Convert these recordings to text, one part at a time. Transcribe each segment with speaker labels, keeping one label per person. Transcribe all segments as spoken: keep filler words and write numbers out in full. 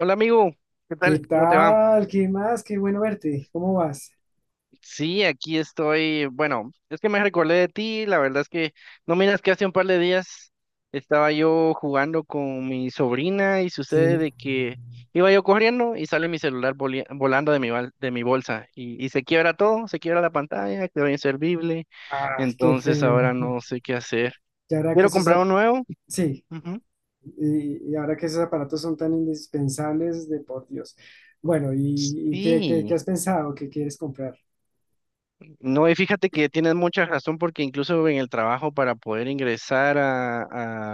Speaker 1: Hola amigo, ¿qué
Speaker 2: ¿Qué
Speaker 1: tal? ¿Cómo te va?
Speaker 2: tal? ¿Qué más? Qué bueno verte. ¿Cómo vas?
Speaker 1: Sí, aquí estoy. Bueno, es que me recordé de ti. La verdad es que no miras que hace un par de días estaba yo jugando con mi sobrina y sucede
Speaker 2: Sí.
Speaker 1: de que iba yo corriendo y sale mi celular voli- volando de mi, bal- de mi bolsa y, y se quiebra todo, se quiebra la pantalla, quedó inservible.
Speaker 2: Ay, qué
Speaker 1: Entonces
Speaker 2: feo.
Speaker 1: ahora no sé qué hacer.
Speaker 2: Y ahora que
Speaker 1: Quiero
Speaker 2: esos,
Speaker 1: comprar
Speaker 2: ap-
Speaker 1: un nuevo.
Speaker 2: Sí.
Speaker 1: Ujú.
Speaker 2: Y, y ahora que esos aparatos son tan indispensables, de por Dios. Bueno, ¿y, y qué, qué, qué
Speaker 1: Sí.
Speaker 2: has pensado? ¿Qué quieres comprar?
Speaker 1: No, y fíjate que tienes mucha razón porque incluso en el trabajo para poder ingresar a,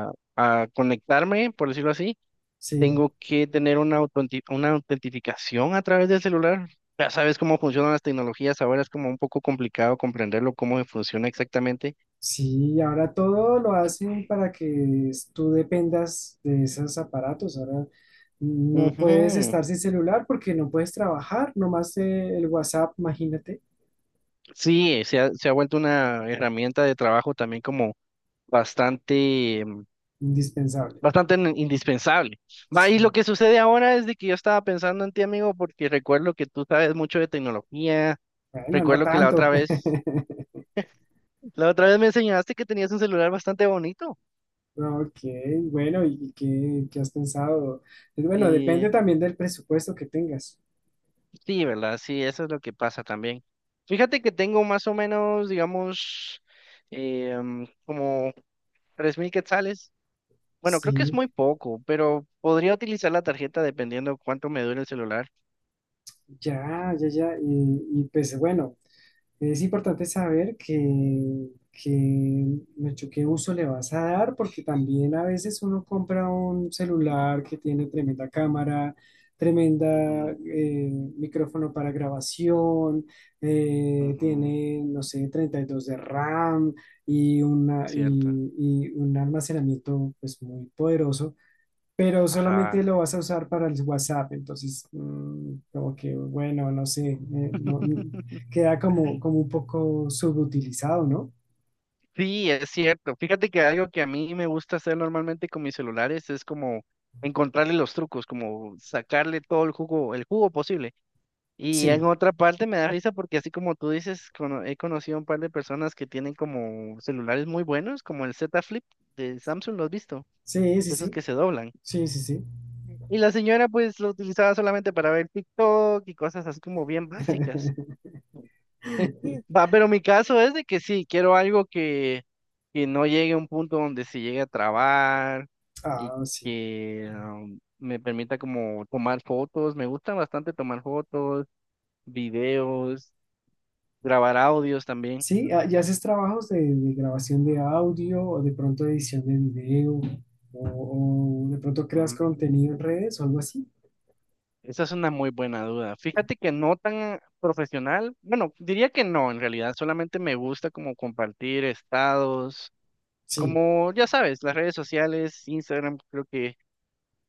Speaker 1: a- a conectarme, por decirlo así,
Speaker 2: Sí,
Speaker 1: tengo que tener una, autenti- una autentificación a través del celular. Ya sabes cómo funcionan las tecnologías, ahora es como un poco complicado comprenderlo, cómo funciona exactamente.
Speaker 2: sí, ahora todo lo hacen para que s- tú dependas de esos aparatos. Ahora no puedes
Speaker 1: Ujú.
Speaker 2: estar sin celular porque no puedes trabajar, nomás eh, el WhatsApp, imagínate,
Speaker 1: Sí, se ha, se ha vuelto una herramienta de trabajo también como bastante
Speaker 2: indispensable.
Speaker 1: bastante in- indispensable. Va, y lo
Speaker 2: Sí.
Speaker 1: que sucede ahora es de que yo estaba pensando en ti, amigo, porque recuerdo que tú sabes mucho de tecnología,
Speaker 2: Bueno, no
Speaker 1: recuerdo que la
Speaker 2: tanto.
Speaker 1: otra vez, la otra vez me enseñaste que tenías un celular bastante bonito.
Speaker 2: Ok, bueno, ¿y qué, qué has pensado? Eh, Bueno, depende
Speaker 1: Y
Speaker 2: también del presupuesto que tengas.
Speaker 1: sí, ¿verdad? Sí, eso es lo que pasa también. Fíjate que tengo más o menos, digamos, eh, mm, como tres mil quetzales. Bueno, creo que es
Speaker 2: Sí,
Speaker 1: muy poco, pero podría utilizar la tarjeta dependiendo cuánto me dure el celular.
Speaker 2: ya, ya, ya. Y, y pues bueno, es importante saber que, que mucho qué uso le vas a dar, porque también a veces uno compra un celular que tiene tremenda cámara, tremenda
Speaker 1: Ujú,
Speaker 2: eh, micrófono para grabación, eh,
Speaker 1: ujú,
Speaker 2: tiene, no sé, treinta y dos de RAM y, una,
Speaker 1: cierto.
Speaker 2: y, y un almacenamiento pues, muy poderoso, pero solamente
Speaker 1: Ajá.
Speaker 2: lo vas a usar para el WhatsApp, entonces mm, como que bueno, no sé, eh, no- no- queda como, como un poco subutilizado, ¿no?
Speaker 1: Sí, es cierto. Fíjate que algo que a mí me gusta hacer normalmente con mis celulares es como encontrarle los trucos, como sacarle todo el jugo, el jugo posible. Y en
Speaker 2: Sí,
Speaker 1: otra parte me da risa porque así como tú dices, cono- he conocido un par de personas que tienen como celulares muy buenos, como el Z Flip de Samsung, ¿lo has visto?
Speaker 2: sí, sí,
Speaker 1: Esos
Speaker 2: sí,
Speaker 1: que se doblan.
Speaker 2: sí, sí, sí.
Speaker 1: Y la señora pues lo utilizaba solamente para ver TikTok y cosas así como bien básicas. Va, pero mi caso es de que sí, quiero algo que, que no llegue a un punto donde se llegue a trabar y
Speaker 2: Ah, sí.
Speaker 1: que um, me permita como tomar fotos. Me gusta bastante tomar fotos, videos, grabar audios también.
Speaker 2: Sí, ah, ¿y haces trabajos de, de grabación de audio o de pronto edición de video o, o de pronto creas
Speaker 1: Mm,
Speaker 2: contenido en redes o algo así?
Speaker 1: Esa es una muy buena duda. Fíjate que no tan profesional. Bueno, diría que no, en realidad solamente me gusta como compartir estados,
Speaker 2: Sí,
Speaker 1: como ya sabes, las redes sociales, Instagram, creo que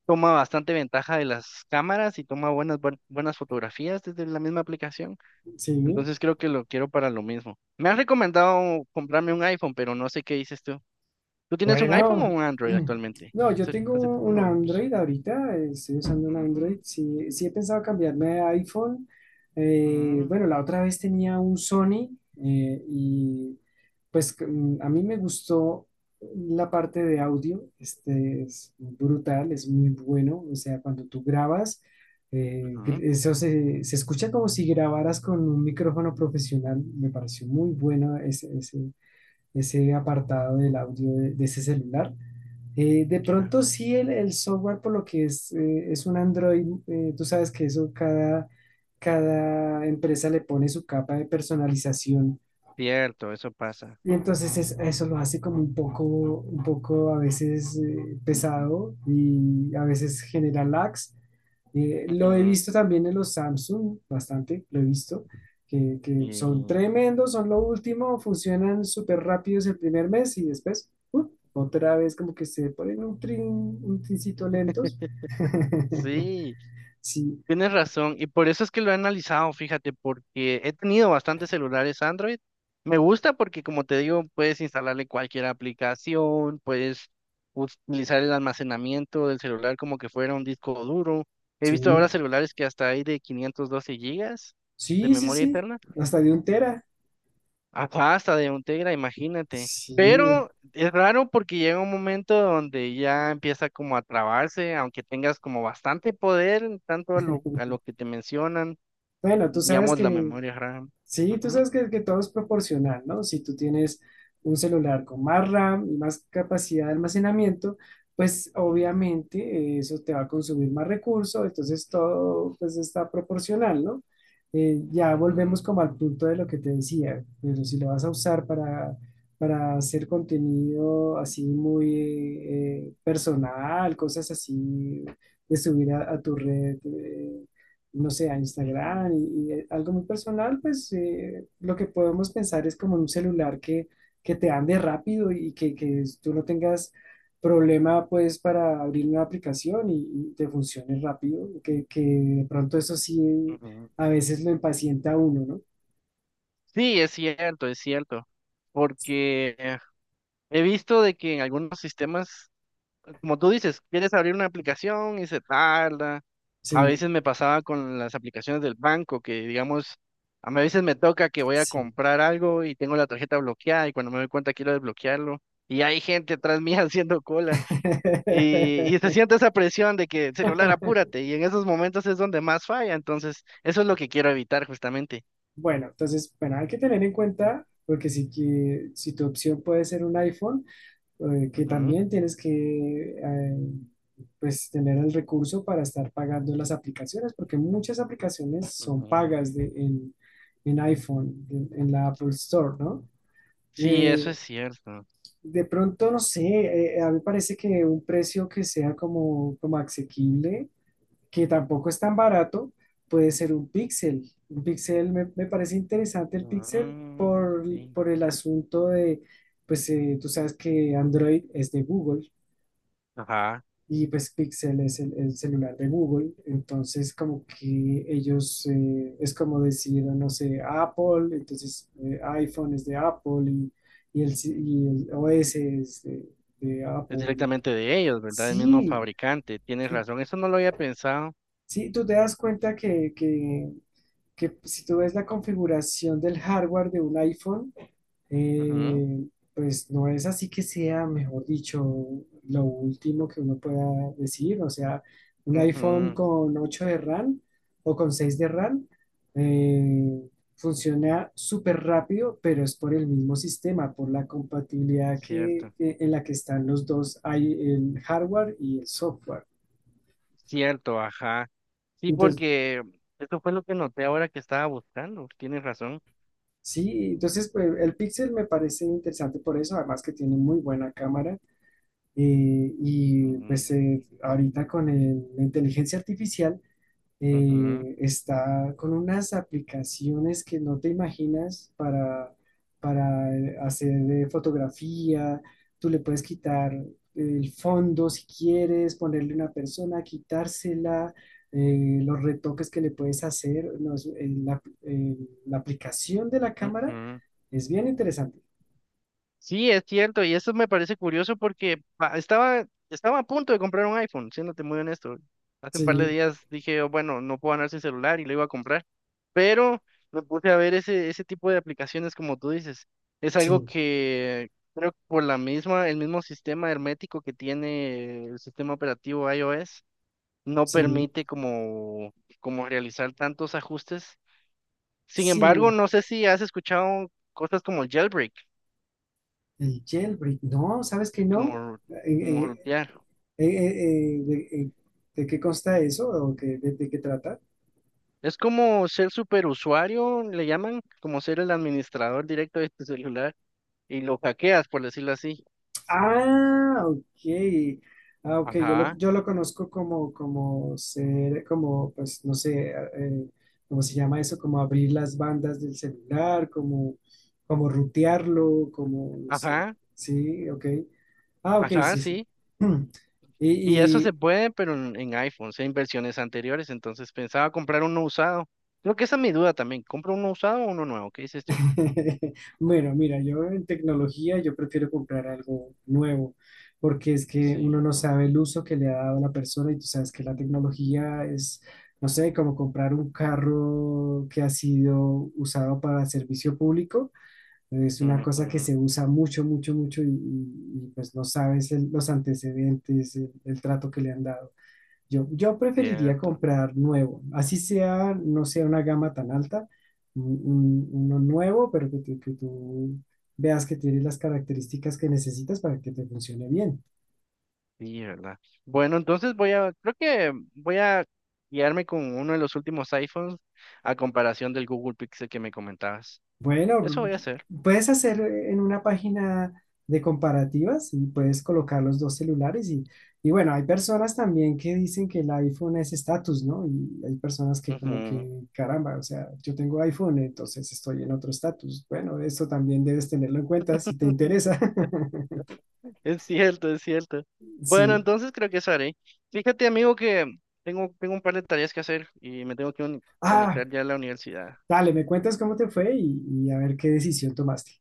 Speaker 1: toma bastante ventaja de las cámaras y toma buenas, buen- buenas fotografías desde la misma aplicación.
Speaker 2: sí.
Speaker 1: Entonces creo que lo quiero para lo mismo. Me han recomendado comprarme un iPhone, pero no sé qué dices tú. ¿Tú tienes un iPhone o
Speaker 2: Bueno,
Speaker 1: un Android actualmente?
Speaker 2: no, yo
Speaker 1: Hace,
Speaker 2: tengo
Speaker 1: hace tiempo
Speaker 2: un
Speaker 1: no hablamos.
Speaker 2: Android ahorita, eh, estoy usando un
Speaker 1: Mm,
Speaker 2: Android. Sí, sí he pensado cambiarme a iPhone. Eh,
Speaker 1: mm,
Speaker 2: bueno, la otra vez tenía un Sony eh, y pues c- mm, a mí me gustó la parte de audio. Este es brutal, es muy bueno. O sea, cuando tú grabas, eh, gr-
Speaker 1: ujú,
Speaker 2: eso se, se escucha como si grabaras con un micrófono profesional. Me pareció muy bueno ese ese apartado del audio de, de ese celular. Eh, de
Speaker 1: ya.
Speaker 2: pronto sí el, el software, por lo que es, eh, es un Android, eh, tú sabes que eso cada, cada empresa le pone su capa de personalización,
Speaker 1: Cierto, eso pasa.
Speaker 2: y entonces es- eso lo hace como un poco, un poco a veces eh, pesado y a veces genera lags, eh, lo he
Speaker 1: Ujú,
Speaker 2: visto también en los Samsung, bastante, lo he visto, que, que son
Speaker 1: y
Speaker 2: tremendos, son lo último, funcionan súper rápidos el primer mes y después uh, otra vez como que se ponen un trin, un trincito lentos.
Speaker 1: sí.
Speaker 2: Sí,
Speaker 1: Tienes razón, y por eso es que lo he analizado, fíjate, porque he tenido bastantes celulares Android. Me gusta porque, como te digo, puedes instalarle cualquier aplicación, puedes utilizar el almacenamiento del celular como que fuera un disco duro. He visto ahora
Speaker 2: sí,
Speaker 1: celulares que hasta hay de quinientos doce gigas de
Speaker 2: sí, sí,
Speaker 1: memoria
Speaker 2: sí,
Speaker 1: interna,
Speaker 2: hasta de un tera.
Speaker 1: hasta hasta de un Tegra, imagínate.
Speaker 2: Sí.
Speaker 1: Pero es raro porque llega un momento donde ya empieza como a trabarse, aunque tengas como bastante poder, en tanto a lo, a lo que te mencionan
Speaker 2: Bueno, tú sabes
Speaker 1: digamos, la
Speaker 2: que
Speaker 1: memoria RAM.
Speaker 2: Sí, tú
Speaker 1: Ujú,
Speaker 2: sabes que, que todo es proporcional, ¿no? Si tú tienes un celular con más RAM y más capacidad de almacenamiento, pues
Speaker 1: ujú,
Speaker 2: obviamente eh, eso te va a consumir más recursos, entonces todo pues está proporcional, ¿no? Eh, ya
Speaker 1: ujú,
Speaker 2: volvemos como al punto de lo que te decía, pero si lo vas a usar para, para hacer contenido así muy eh, personal, cosas así de subir a, a tu red. eh, no sé, a Instagram
Speaker 1: ujú,
Speaker 2: y, y algo muy personal, pues eh, lo que podemos pensar es como en un celular que, que te ande rápido y que, que tú no tengas problema pues para abrir una aplicación y, y te funcione rápido, que, que de pronto eso sí
Speaker 1: ujú.
Speaker 2: a veces lo impacienta a uno, ¿no?
Speaker 1: Sí, es cierto, es cierto, porque eh, he visto de que en algunos sistemas, como tú dices, quieres abrir una aplicación y se tarda. A
Speaker 2: Sí,
Speaker 1: veces me pasaba con las aplicaciones del banco, que digamos, a mí a veces me toca que voy a
Speaker 2: sí.
Speaker 1: comprar algo y tengo la tarjeta bloqueada y cuando me doy cuenta quiero desbloquearlo y hay gente atrás mía haciendo cola. Y, y se siente esa presión de que celular, apúrate, y en esos momentos es donde más falla, entonces eso es lo que quiero evitar justamente.
Speaker 2: Bueno, entonces, bueno, hay que tener en cuenta, porque si, que- si tu opción puede ser un iPhone, eh, que
Speaker 1: Ujú,
Speaker 2: también tienes que eh, pues tener el recurso para estar pagando las aplicaciones, porque muchas aplicaciones son
Speaker 1: ujú.
Speaker 2: pagas de, en, en iPhone, en, en la Apple Store, ¿no?
Speaker 1: Sí, eso es
Speaker 2: Eh,
Speaker 1: cierto.
Speaker 2: de pronto, no sé, eh, a mí me parece que un precio que sea como, como asequible, que tampoco es tan barato, puede ser un Pixel. Un Pixel, me, me parece interesante el Pixel
Speaker 1: Mm,
Speaker 2: por,
Speaker 1: sí.
Speaker 2: por el asunto de, pues eh, tú sabes que Android es de Google.
Speaker 1: Ajá,
Speaker 2: Y pues Pixel es el, el celular de Google, entonces como que ellos, eh, es como decir, no sé, Apple, entonces eh, iPhone es de Apple y, y el, si- y el O S es de, de
Speaker 1: es
Speaker 2: Apple.
Speaker 1: directamente de ellos, ¿verdad? El mismo
Speaker 2: Sí,
Speaker 1: fabricante, tienes razón, eso no lo había pensado.
Speaker 2: sí, tú te das cuenta que, que, que si tú ves la configuración del hardware de un iPhone,
Speaker 1: Ujú,
Speaker 2: eh, pues no es así que sea, mejor dicho, lo último que uno pueda decir. O sea, un iPhone
Speaker 1: ujú,
Speaker 2: con ocho de RAM o con seis de RAM eh, funciona súper rápido, pero es por el mismo sistema, por la compatibilidad que,
Speaker 1: cierto,
Speaker 2: eh, en la que están los dos, hay el hardware y el software.
Speaker 1: cierto, ajá. Sí,
Speaker 2: Entonces,
Speaker 1: porque eso fue lo que noté ahora que estaba buscando, tienes razón.
Speaker 2: sí, entonces pues, el Pixel me parece interesante por eso, además que tiene muy buena cámara. Eh, y
Speaker 1: Mm,
Speaker 2: pues eh, ahorita con el- la inteligencia artificial
Speaker 1: ujú,
Speaker 2: eh, está con unas aplicaciones que no te imaginas para, para eh, hacer eh, fotografía. Tú le puedes quitar el fondo si quieres, ponerle una persona, quitársela, eh, los retoques que le puedes hacer. No, es- en la, en la aplicación de la cámara
Speaker 1: ujú.
Speaker 2: es bien interesante.
Speaker 1: Sí, es cierto, y eso me parece curioso porque pa- estaba, estaba a punto de comprar un iPhone, siéndote muy honesto. Hace un par de
Speaker 2: Sí,
Speaker 1: días dije, "Oh, bueno, no puedo andar sin celular y lo iba a comprar, pero me puse a ver ese, ese tipo de aplicaciones como tú dices. Es algo
Speaker 2: sí,
Speaker 1: que creo que por la misma, el mismo sistema hermético que tiene el sistema operativo iOS, no
Speaker 2: sí,
Speaker 1: permite como, como realizar tantos ajustes. Sin embargo,
Speaker 2: sí.
Speaker 1: no sé si has escuchado cosas como el jailbreak.
Speaker 2: El jailbreak, no, ¿sabes que
Speaker 1: Es
Speaker 2: no?
Speaker 1: como,
Speaker 2: Eh,
Speaker 1: como
Speaker 2: eh,
Speaker 1: rutear.
Speaker 2: eh, eh, eh, de, eh, ¿De qué consta eso? ¿O qué- de, de qué trata?
Speaker 1: Es como ser superusuario, le llaman, como ser el administrador directo de tu celular y lo hackeas, por decirlo así.
Speaker 2: Ah, ok. Ah, ok, yo lo,
Speaker 1: Ajá,
Speaker 2: yo lo conozco como, como, ser, como, pues, no sé, ah, eh, ¿cómo se llama eso? Como abrir las bandas del celular, como, como rutearlo, como, no sé.
Speaker 1: ajá,
Speaker 2: Sí, ok. Ah, ok,
Speaker 1: ajá,
Speaker 2: sí, sí.
Speaker 1: sí. Y eso se
Speaker 2: Y,
Speaker 1: puede, pero en, en iPhones, en versiones anteriores. Entonces pensaba comprar uno usado. Creo que esa es mi duda también. ¿Compro uno usado o uno nuevo? ¿Qué dices tú?
Speaker 2: Bueno, mira, yo en tecnología yo prefiero comprar algo nuevo, porque es que
Speaker 1: Sí,
Speaker 2: uno no
Speaker 1: ¿verdad?
Speaker 2: sabe el uso que le ha dado la persona y tú sabes que la tecnología es, no sé, como comprar un carro que ha sido usado para servicio público, es una cosa que
Speaker 1: Ujú,
Speaker 2: se usa mucho, mucho, mucho y, y- y, pues no sabes el- los antecedentes, el el trato que le han dado. Yo, yo preferiría
Speaker 1: cierto.
Speaker 2: comprar nuevo, así sea, no sea una gama tan alta, un- un- uno nuevo, pero que, tú que tú veas que tiene las características que necesitas para que te funcione bien.
Speaker 1: Sí, ¿verdad? Bueno, entonces voy a, creo que voy a guiarme con uno de los últimos iPhones a comparación del Google Pixel que me comentabas. Eso
Speaker 2: Bueno,
Speaker 1: voy a hacer.
Speaker 2: puedes hacer en una página de comparativas y puedes colocar los dos celulares y, y bueno, hay personas también que dicen que el iPhone es estatus, ¿no? Y hay personas que
Speaker 1: Ujú.
Speaker 2: como que, caramba, o sea, yo tengo iPhone, entonces estoy en otro estatus. Bueno, esto también debes tenerlo en cuenta si te interesa.
Speaker 1: Es cierto, es cierto. Bueno,
Speaker 2: Sí.
Speaker 1: entonces creo que eso haré. Fíjate, amigo, que tengo, tengo un par de tareas que hacer y me tengo que uni-
Speaker 2: Ah,
Speaker 1: conectar ya a la universidad.
Speaker 2: dale, me cuentas cómo te fue y, y a ver qué decisión tomaste.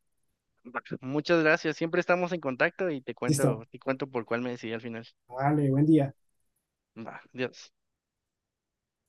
Speaker 1: Va. Muchas gracias. Siempre estamos en contacto y te cuento,
Speaker 2: Listo.
Speaker 1: te cuento por cuál me decidí al final.
Speaker 2: Vale, buen día.
Speaker 1: Va, adiós.